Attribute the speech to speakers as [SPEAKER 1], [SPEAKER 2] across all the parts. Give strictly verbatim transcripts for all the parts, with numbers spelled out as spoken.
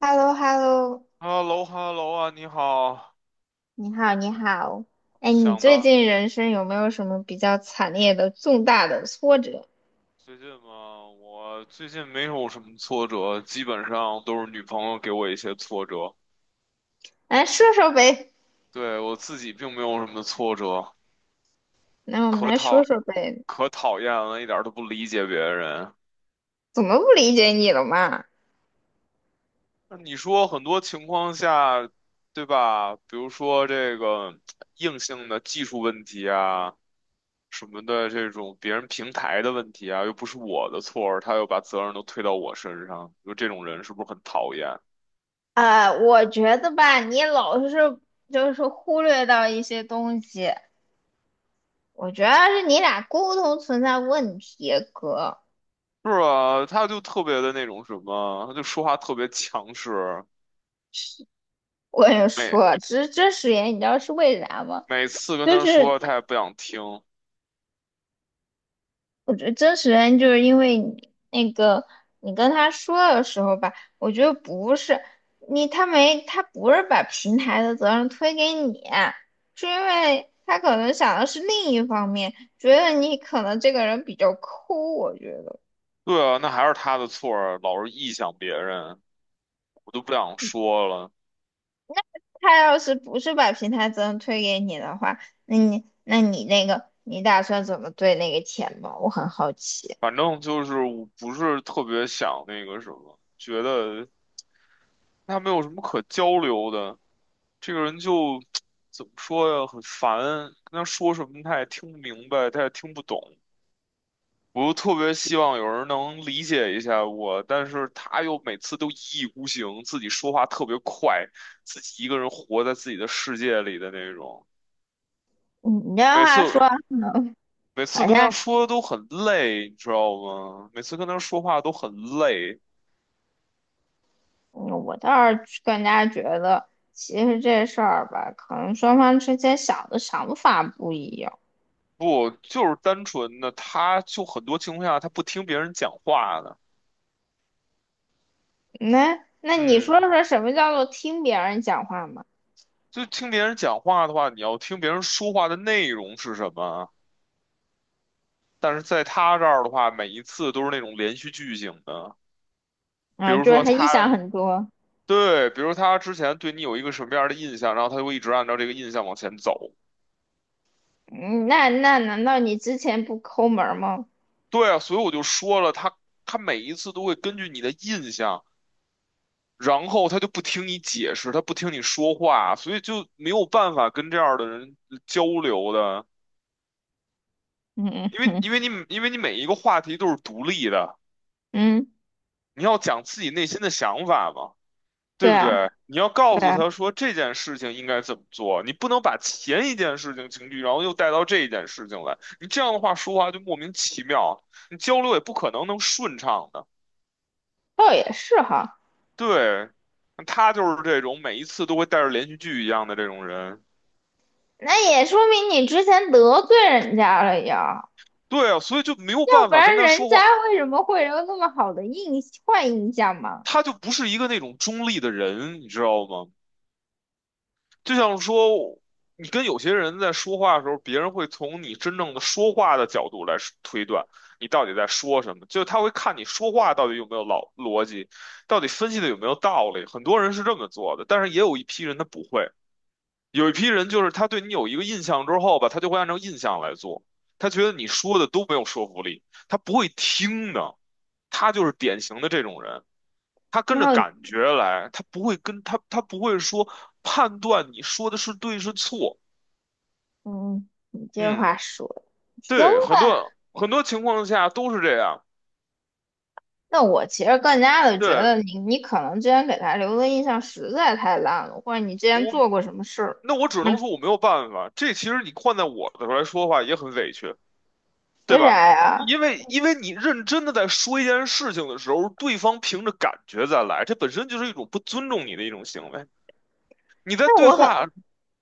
[SPEAKER 1] h e l l o h e l l o
[SPEAKER 2] 哈喽哈喽啊，你好。
[SPEAKER 1] 你好，你好。哎，你
[SPEAKER 2] 想
[SPEAKER 1] 最
[SPEAKER 2] 的
[SPEAKER 1] 近人生有没有什么比较惨烈的、重大的挫折？
[SPEAKER 2] 最近嘛，我最近没有什么挫折，基本上都是女朋友给我一些挫折。
[SPEAKER 1] 来说说呗。
[SPEAKER 2] 对，我自己并没有什么挫折，
[SPEAKER 1] 那我们
[SPEAKER 2] 可
[SPEAKER 1] 来说
[SPEAKER 2] 讨
[SPEAKER 1] 说呗，
[SPEAKER 2] 可讨厌了，一点儿都不理解别人。
[SPEAKER 1] 怎么不理解你了嘛？
[SPEAKER 2] 那你说很多情况下，对吧？比如说这个硬性的技术问题啊，什么的这种别人平台的问题啊，又不是我的错儿，他又把责任都推到我身上，就这种人是不是很讨厌？
[SPEAKER 1] 呃，我觉得吧，你老是就是忽略到一些东西，我觉得是你俩沟通存在问题，哥。
[SPEAKER 2] 是啊，他就特别的那种什么，他就说话特别强势，
[SPEAKER 1] 我跟你
[SPEAKER 2] 每
[SPEAKER 1] 说，这这誓言你知道是为啥吗？
[SPEAKER 2] 每次跟
[SPEAKER 1] 就
[SPEAKER 2] 他
[SPEAKER 1] 是
[SPEAKER 2] 说，他也不想听。
[SPEAKER 1] 我觉得真实原因就是因为你那个你跟他说的时候吧，我觉得不是你，他没他不是把平台的责任推给你，是因为他可能想的是另一方面，觉得你可能这个人比较抠，我觉得
[SPEAKER 2] 对啊，那还是他的错儿老是臆想别人，我都不想说了。
[SPEAKER 1] 他要是不是把平台责任推给你的话，那你那你那个你打算怎么对那个钱吗？我很好奇。
[SPEAKER 2] 反正就是我不是特别想那个什么，觉得他没有什么可交流的，这个人就 怎么说呀，很烦，跟他说什么他也听不明白，他也听不懂。我特别希望有人能理解一下我，但是他又每次都一意孤行，自己说话特别快，自己一个人活在自己的世界里的那种。
[SPEAKER 1] 嗯你这
[SPEAKER 2] 每
[SPEAKER 1] 话
[SPEAKER 2] 次
[SPEAKER 1] 说，
[SPEAKER 2] 每次
[SPEAKER 1] 好
[SPEAKER 2] 跟他
[SPEAKER 1] 像
[SPEAKER 2] 说都很累，你知道吗？每次跟他说话都很累。
[SPEAKER 1] 嗯我倒是更加觉得，其实这事儿吧，可能双方之间想的想法不一样。
[SPEAKER 2] 不，就是单纯的，他就很多情况下他不听别人讲话的。
[SPEAKER 1] 那那你
[SPEAKER 2] 嗯，
[SPEAKER 1] 说说什么叫做听别人讲话嘛？
[SPEAKER 2] 就听别人讲话的话，你要听别人说话的内容是什么。但是在他这儿的话，每一次都是那种连续剧情的。比
[SPEAKER 1] 啊，
[SPEAKER 2] 如
[SPEAKER 1] 就是
[SPEAKER 2] 说
[SPEAKER 1] 他臆想
[SPEAKER 2] 他
[SPEAKER 1] 很多。
[SPEAKER 2] 对，比如他之前对你有一个什么样的印象，然后他就会一直按照这个印象往前走。
[SPEAKER 1] 嗯，那那难道你之前不抠门儿吗？
[SPEAKER 2] 对啊，所以我就说了，他他每一次都会根据你的印象，然后他就不听你解释，他不听你说话，所以就没有办法跟这样的人交流的，
[SPEAKER 1] 嗯
[SPEAKER 2] 因为因
[SPEAKER 1] 嗯
[SPEAKER 2] 为你 因为你每一个话题都是独立的，
[SPEAKER 1] 嗯嗯。
[SPEAKER 2] 你要讲自己内心的想法嘛。对
[SPEAKER 1] 对
[SPEAKER 2] 不
[SPEAKER 1] 啊，
[SPEAKER 2] 对？你要告
[SPEAKER 1] 对
[SPEAKER 2] 诉
[SPEAKER 1] 啊，
[SPEAKER 2] 他说这件事情应该怎么做，你不能把前一件事情情绪，然后又带到这一件事情来。你这样的话说话就莫名其妙，你交流也不可能能顺畅的。
[SPEAKER 1] 倒也是哈。
[SPEAKER 2] 对，他就是这种每一次都会带着连续剧一样的这种人。
[SPEAKER 1] 那也说明你之前得罪人家了呀，
[SPEAKER 2] 对啊，所以就没有
[SPEAKER 1] 要
[SPEAKER 2] 办
[SPEAKER 1] 不
[SPEAKER 2] 法跟
[SPEAKER 1] 然
[SPEAKER 2] 他
[SPEAKER 1] 人
[SPEAKER 2] 说
[SPEAKER 1] 家
[SPEAKER 2] 话，
[SPEAKER 1] 为什么会有那么好的印坏印象嘛？
[SPEAKER 2] 他就不是一个那种中立的人，你知道吗？就像说，你跟有些人在说话的时候，别人会从你真正的说话的角度来说推断你到底在说什么，就他会看你说话到底有没有老逻辑，到底分析的有没有道理。很多人是这么做的，但是也有一批人他不会，有一批人就是他对你有一个印象之后吧，他就会按照印象来做，他觉得你说的都没有说服力，他不会听的，他就是典型的这种人。他跟
[SPEAKER 1] 然
[SPEAKER 2] 着
[SPEAKER 1] 后。
[SPEAKER 2] 感觉来，他不会跟他他不会说判断你说的是对是错。
[SPEAKER 1] 嗯，你这
[SPEAKER 2] 嗯，
[SPEAKER 1] 话说的行
[SPEAKER 2] 对，很
[SPEAKER 1] 吧？
[SPEAKER 2] 多很多情况下都是这样。
[SPEAKER 1] 那我其实更加的觉
[SPEAKER 2] 对，
[SPEAKER 1] 得你，你可能之前给他留的印象实在太烂了，或者你之前
[SPEAKER 2] 我，
[SPEAKER 1] 做过什么事儿？
[SPEAKER 2] 那我只能
[SPEAKER 1] 嗯，
[SPEAKER 2] 说我没有办法。这其实你换在我的来说的话也很委屈，对
[SPEAKER 1] 为啥
[SPEAKER 2] 吧？
[SPEAKER 1] 呀？
[SPEAKER 2] 因为因为你认真的在说一件事情的时候，对方凭着感觉再来，这本身就是一种不尊重你的一种行为。你在
[SPEAKER 1] 那
[SPEAKER 2] 对
[SPEAKER 1] 我很，
[SPEAKER 2] 话，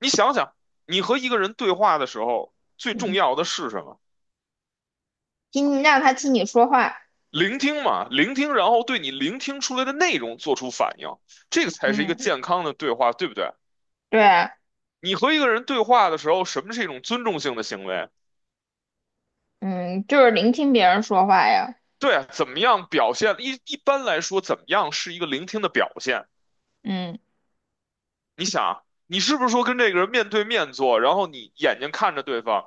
[SPEAKER 2] 你想想，你和一个人对话的时候，最重
[SPEAKER 1] 嗯，
[SPEAKER 2] 要的是什么？
[SPEAKER 1] 听让他听你说话，
[SPEAKER 2] 聆听嘛，聆听，然后对你聆听出来的内容做出反应，这个才是一个
[SPEAKER 1] 嗯，
[SPEAKER 2] 健康的对话，对不对？
[SPEAKER 1] 对。
[SPEAKER 2] 你和一个人对话的时候，什么是一种尊重性的行为？
[SPEAKER 1] 嗯，就是聆听别人说话呀，
[SPEAKER 2] 对啊怎么样表现？一一般来说，怎么样是一个聆听的表现？
[SPEAKER 1] 嗯
[SPEAKER 2] 你想啊，你是不是说跟这个人面对面坐，然后你眼睛看着对方，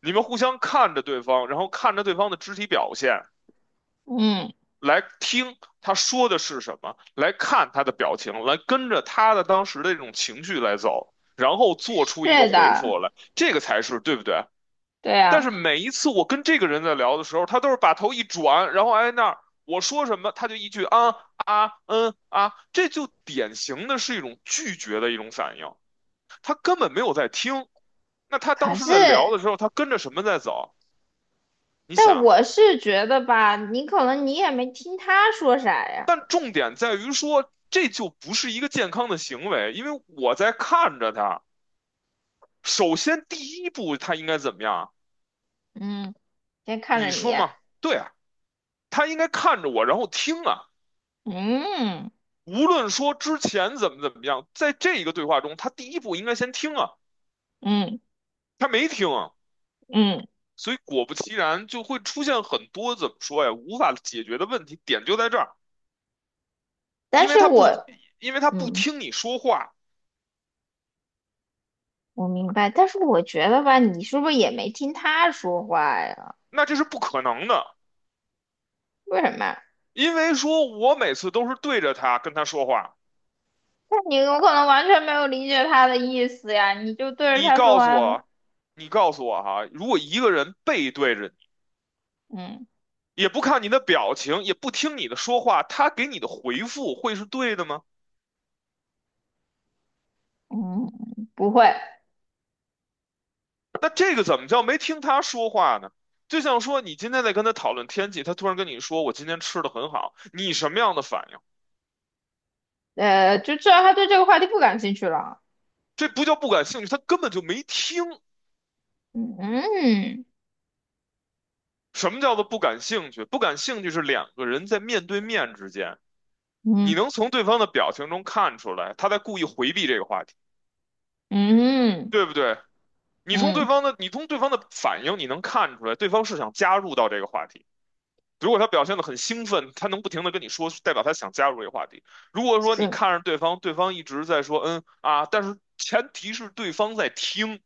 [SPEAKER 2] 你们互相看着对方，然后看着对方的肢体表现，
[SPEAKER 1] 嗯，
[SPEAKER 2] 来听他说的是什么，来看他的表情，来跟着他的当时的这种情绪来走，然后做出一个
[SPEAKER 1] 是
[SPEAKER 2] 回
[SPEAKER 1] 的，
[SPEAKER 2] 复来，这个才是对不对？
[SPEAKER 1] 对
[SPEAKER 2] 但是
[SPEAKER 1] 呀。
[SPEAKER 2] 每一次我跟这个人在聊的时候，他都是把头一转，然后挨那儿，我说什么他就一句啊啊嗯啊，这就典型的是一种拒绝的一种反应，他根本没有在听。那他当
[SPEAKER 1] 可
[SPEAKER 2] 时
[SPEAKER 1] 是，
[SPEAKER 2] 在聊的时候，他跟着什么在走？你
[SPEAKER 1] 但
[SPEAKER 2] 想，
[SPEAKER 1] 我是觉得吧，你可能你也没听他说啥呀，
[SPEAKER 2] 但重点在于说，这就不是一个健康的行为，因为我在看着他。首先，第一步他应该怎么样啊
[SPEAKER 1] 嗯，先看着
[SPEAKER 2] 你
[SPEAKER 1] 你。
[SPEAKER 2] 说嘛？对啊，他应该看着我，然后听啊。
[SPEAKER 1] 嗯。
[SPEAKER 2] 无论说之前怎么怎么样，在这一个对话中，他第一步应该先听啊，
[SPEAKER 1] 嗯。
[SPEAKER 2] 他没听啊，
[SPEAKER 1] 嗯，
[SPEAKER 2] 所以果不其然就会出现很多怎么说呀，无法解决的问题，点就在这儿，因
[SPEAKER 1] 但
[SPEAKER 2] 为
[SPEAKER 1] 是
[SPEAKER 2] 他不，
[SPEAKER 1] 我，
[SPEAKER 2] 因为他不
[SPEAKER 1] 嗯，
[SPEAKER 2] 听你说话，
[SPEAKER 1] 我明白，但是我觉得吧，你是不是也没听他说话呀？
[SPEAKER 2] 那这是不可能的，
[SPEAKER 1] 为什么呀？
[SPEAKER 2] 因为说我每次都是对着他跟他说话。
[SPEAKER 1] 那你有可能完全没有理解他的意思呀，你就对着
[SPEAKER 2] 你
[SPEAKER 1] 他说
[SPEAKER 2] 告诉
[SPEAKER 1] 话呗。
[SPEAKER 2] 我，你告诉我哈，如果一个人背对着你，
[SPEAKER 1] 嗯
[SPEAKER 2] 也不看你的表情，也不听你的说话，他给你的回复会是对的吗？
[SPEAKER 1] 嗯，不会。
[SPEAKER 2] 那这个怎么叫没听他说话呢？就像说你今天在跟他讨论天气，他突然跟你说我今天吃的很好，你什么样的反应？
[SPEAKER 1] 呃，就知道他对这个话题不感兴趣了。
[SPEAKER 2] 这不叫不感兴趣，他根本就没听。
[SPEAKER 1] 嗯嗯。
[SPEAKER 2] 什么叫做不感兴趣？不感兴趣是两个人在面对面之间，你
[SPEAKER 1] 嗯
[SPEAKER 2] 能从对方的表情中看出来，他在故意回避这个话题，
[SPEAKER 1] 嗯
[SPEAKER 2] 对不对？你从对
[SPEAKER 1] 嗯，
[SPEAKER 2] 方的，你从对方的反应，你能看出来，对方是想加入到这个话题。如果他表现得很兴奋，他能不停地跟你说，代表他想加入这个话题。如果说你
[SPEAKER 1] 是，
[SPEAKER 2] 看着对方，对方一直在说嗯啊，但是前提是对方在听，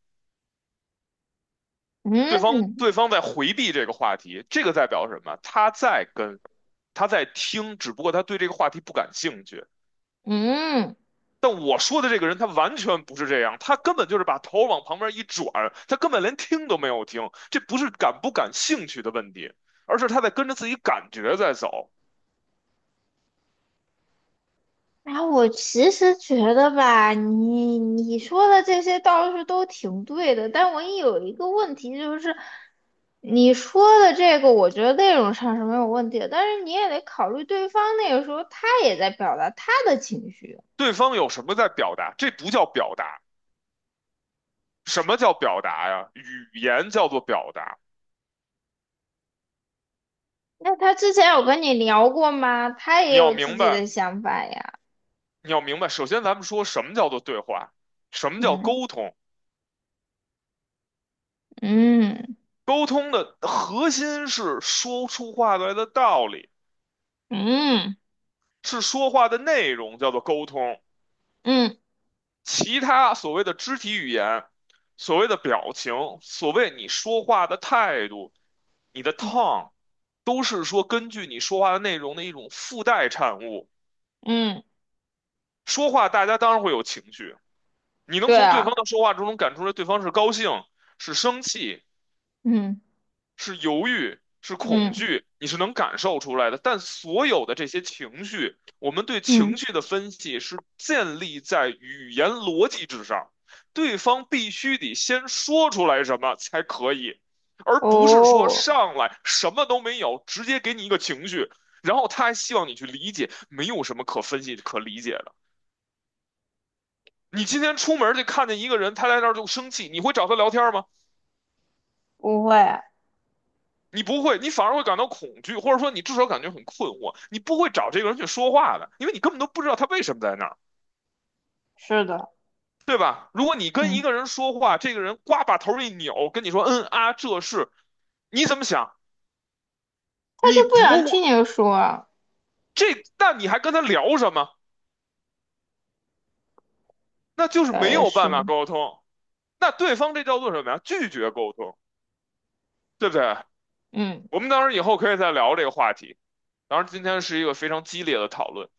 [SPEAKER 2] 对
[SPEAKER 1] 嗯
[SPEAKER 2] 方对方在回避这个话题，这个代表什么？他在跟，他在听，只不过他对这个话题不感兴趣。
[SPEAKER 1] 嗯。
[SPEAKER 2] 但我说的这个人，他完全不是这样，他根本就是把头往旁边一转，他根本连听都没有听。这不是感不感兴趣的问题，而是他在跟着自己感觉在走。
[SPEAKER 1] 然后我其实觉得吧，你你说的这些倒是都挺对的，但我也有一个问题，就是你说的这个，我觉得内容上是没有问题的，但是你也得考虑对方那个时候他也在表达他的情绪，
[SPEAKER 2] 对方有什么在表达？这不叫表达，什么叫表达呀？语言叫做表达。
[SPEAKER 1] 那他之前有跟你聊过吗？他
[SPEAKER 2] 你
[SPEAKER 1] 也
[SPEAKER 2] 要
[SPEAKER 1] 有自
[SPEAKER 2] 明
[SPEAKER 1] 己
[SPEAKER 2] 白，
[SPEAKER 1] 的想法呀，
[SPEAKER 2] 你要明白。首先，咱们说什么叫做对话，什么叫
[SPEAKER 1] 嗯
[SPEAKER 2] 沟通？
[SPEAKER 1] 嗯。
[SPEAKER 2] 沟通的核心是说出话来的道理，
[SPEAKER 1] 嗯
[SPEAKER 2] 是说话的内容叫做沟通。
[SPEAKER 1] 嗯。
[SPEAKER 2] 其他所谓的肢体语言、所谓的表情、所谓你说话的态度、你的
[SPEAKER 1] 嗯
[SPEAKER 2] tone，都是说根据你说话的内容的一种附带产物。
[SPEAKER 1] 嗯，
[SPEAKER 2] 说话大家当然会有情绪，你能
[SPEAKER 1] 对
[SPEAKER 2] 从对
[SPEAKER 1] 啊，
[SPEAKER 2] 方的说话之中能感出来对方是高兴、是生气、
[SPEAKER 1] 嗯
[SPEAKER 2] 是犹豫，是恐
[SPEAKER 1] 嗯
[SPEAKER 2] 惧，你是能感受出来的。但所有的这些情绪，我们对情
[SPEAKER 1] 嗯，
[SPEAKER 2] 绪的分析是建立在语言逻辑之上，对方必须得先说出来什么才可以，而不是说
[SPEAKER 1] 哦，
[SPEAKER 2] 上来什么都没有，直接给你一个情绪，然后他还希望你去理解，没有什么可分析可理解的。你今天出门就看见一个人，他在那儿就生气，你会找他聊天吗？
[SPEAKER 1] 不会，
[SPEAKER 2] 你不会，你反而会感到恐惧，或者说你至少感觉很困惑。你不会找这个人去说话的，因为你根本都不知道他为什么在那儿，
[SPEAKER 1] 是的。
[SPEAKER 2] 对吧？如果你跟一
[SPEAKER 1] 嗯。
[SPEAKER 2] 个人说话，这个人呱把头一扭，跟你说“嗯啊，这是”，你怎么想？你
[SPEAKER 1] 不
[SPEAKER 2] 不
[SPEAKER 1] 想听你说啊，
[SPEAKER 2] 这，那你还跟他聊什么？那就是
[SPEAKER 1] 倒
[SPEAKER 2] 没
[SPEAKER 1] 也
[SPEAKER 2] 有办
[SPEAKER 1] 是，
[SPEAKER 2] 法沟通。那对方这叫做什么呀？拒绝沟通，对不对？
[SPEAKER 1] 嗯
[SPEAKER 2] 我们当然以后可以再聊这个话题。当然，今天是一个非常激烈的讨论，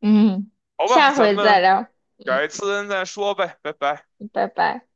[SPEAKER 1] 嗯，
[SPEAKER 2] 好吧？
[SPEAKER 1] 下
[SPEAKER 2] 咱
[SPEAKER 1] 回再
[SPEAKER 2] 们
[SPEAKER 1] 聊，嗯，
[SPEAKER 2] 改次再说呗，拜拜。
[SPEAKER 1] 拜拜。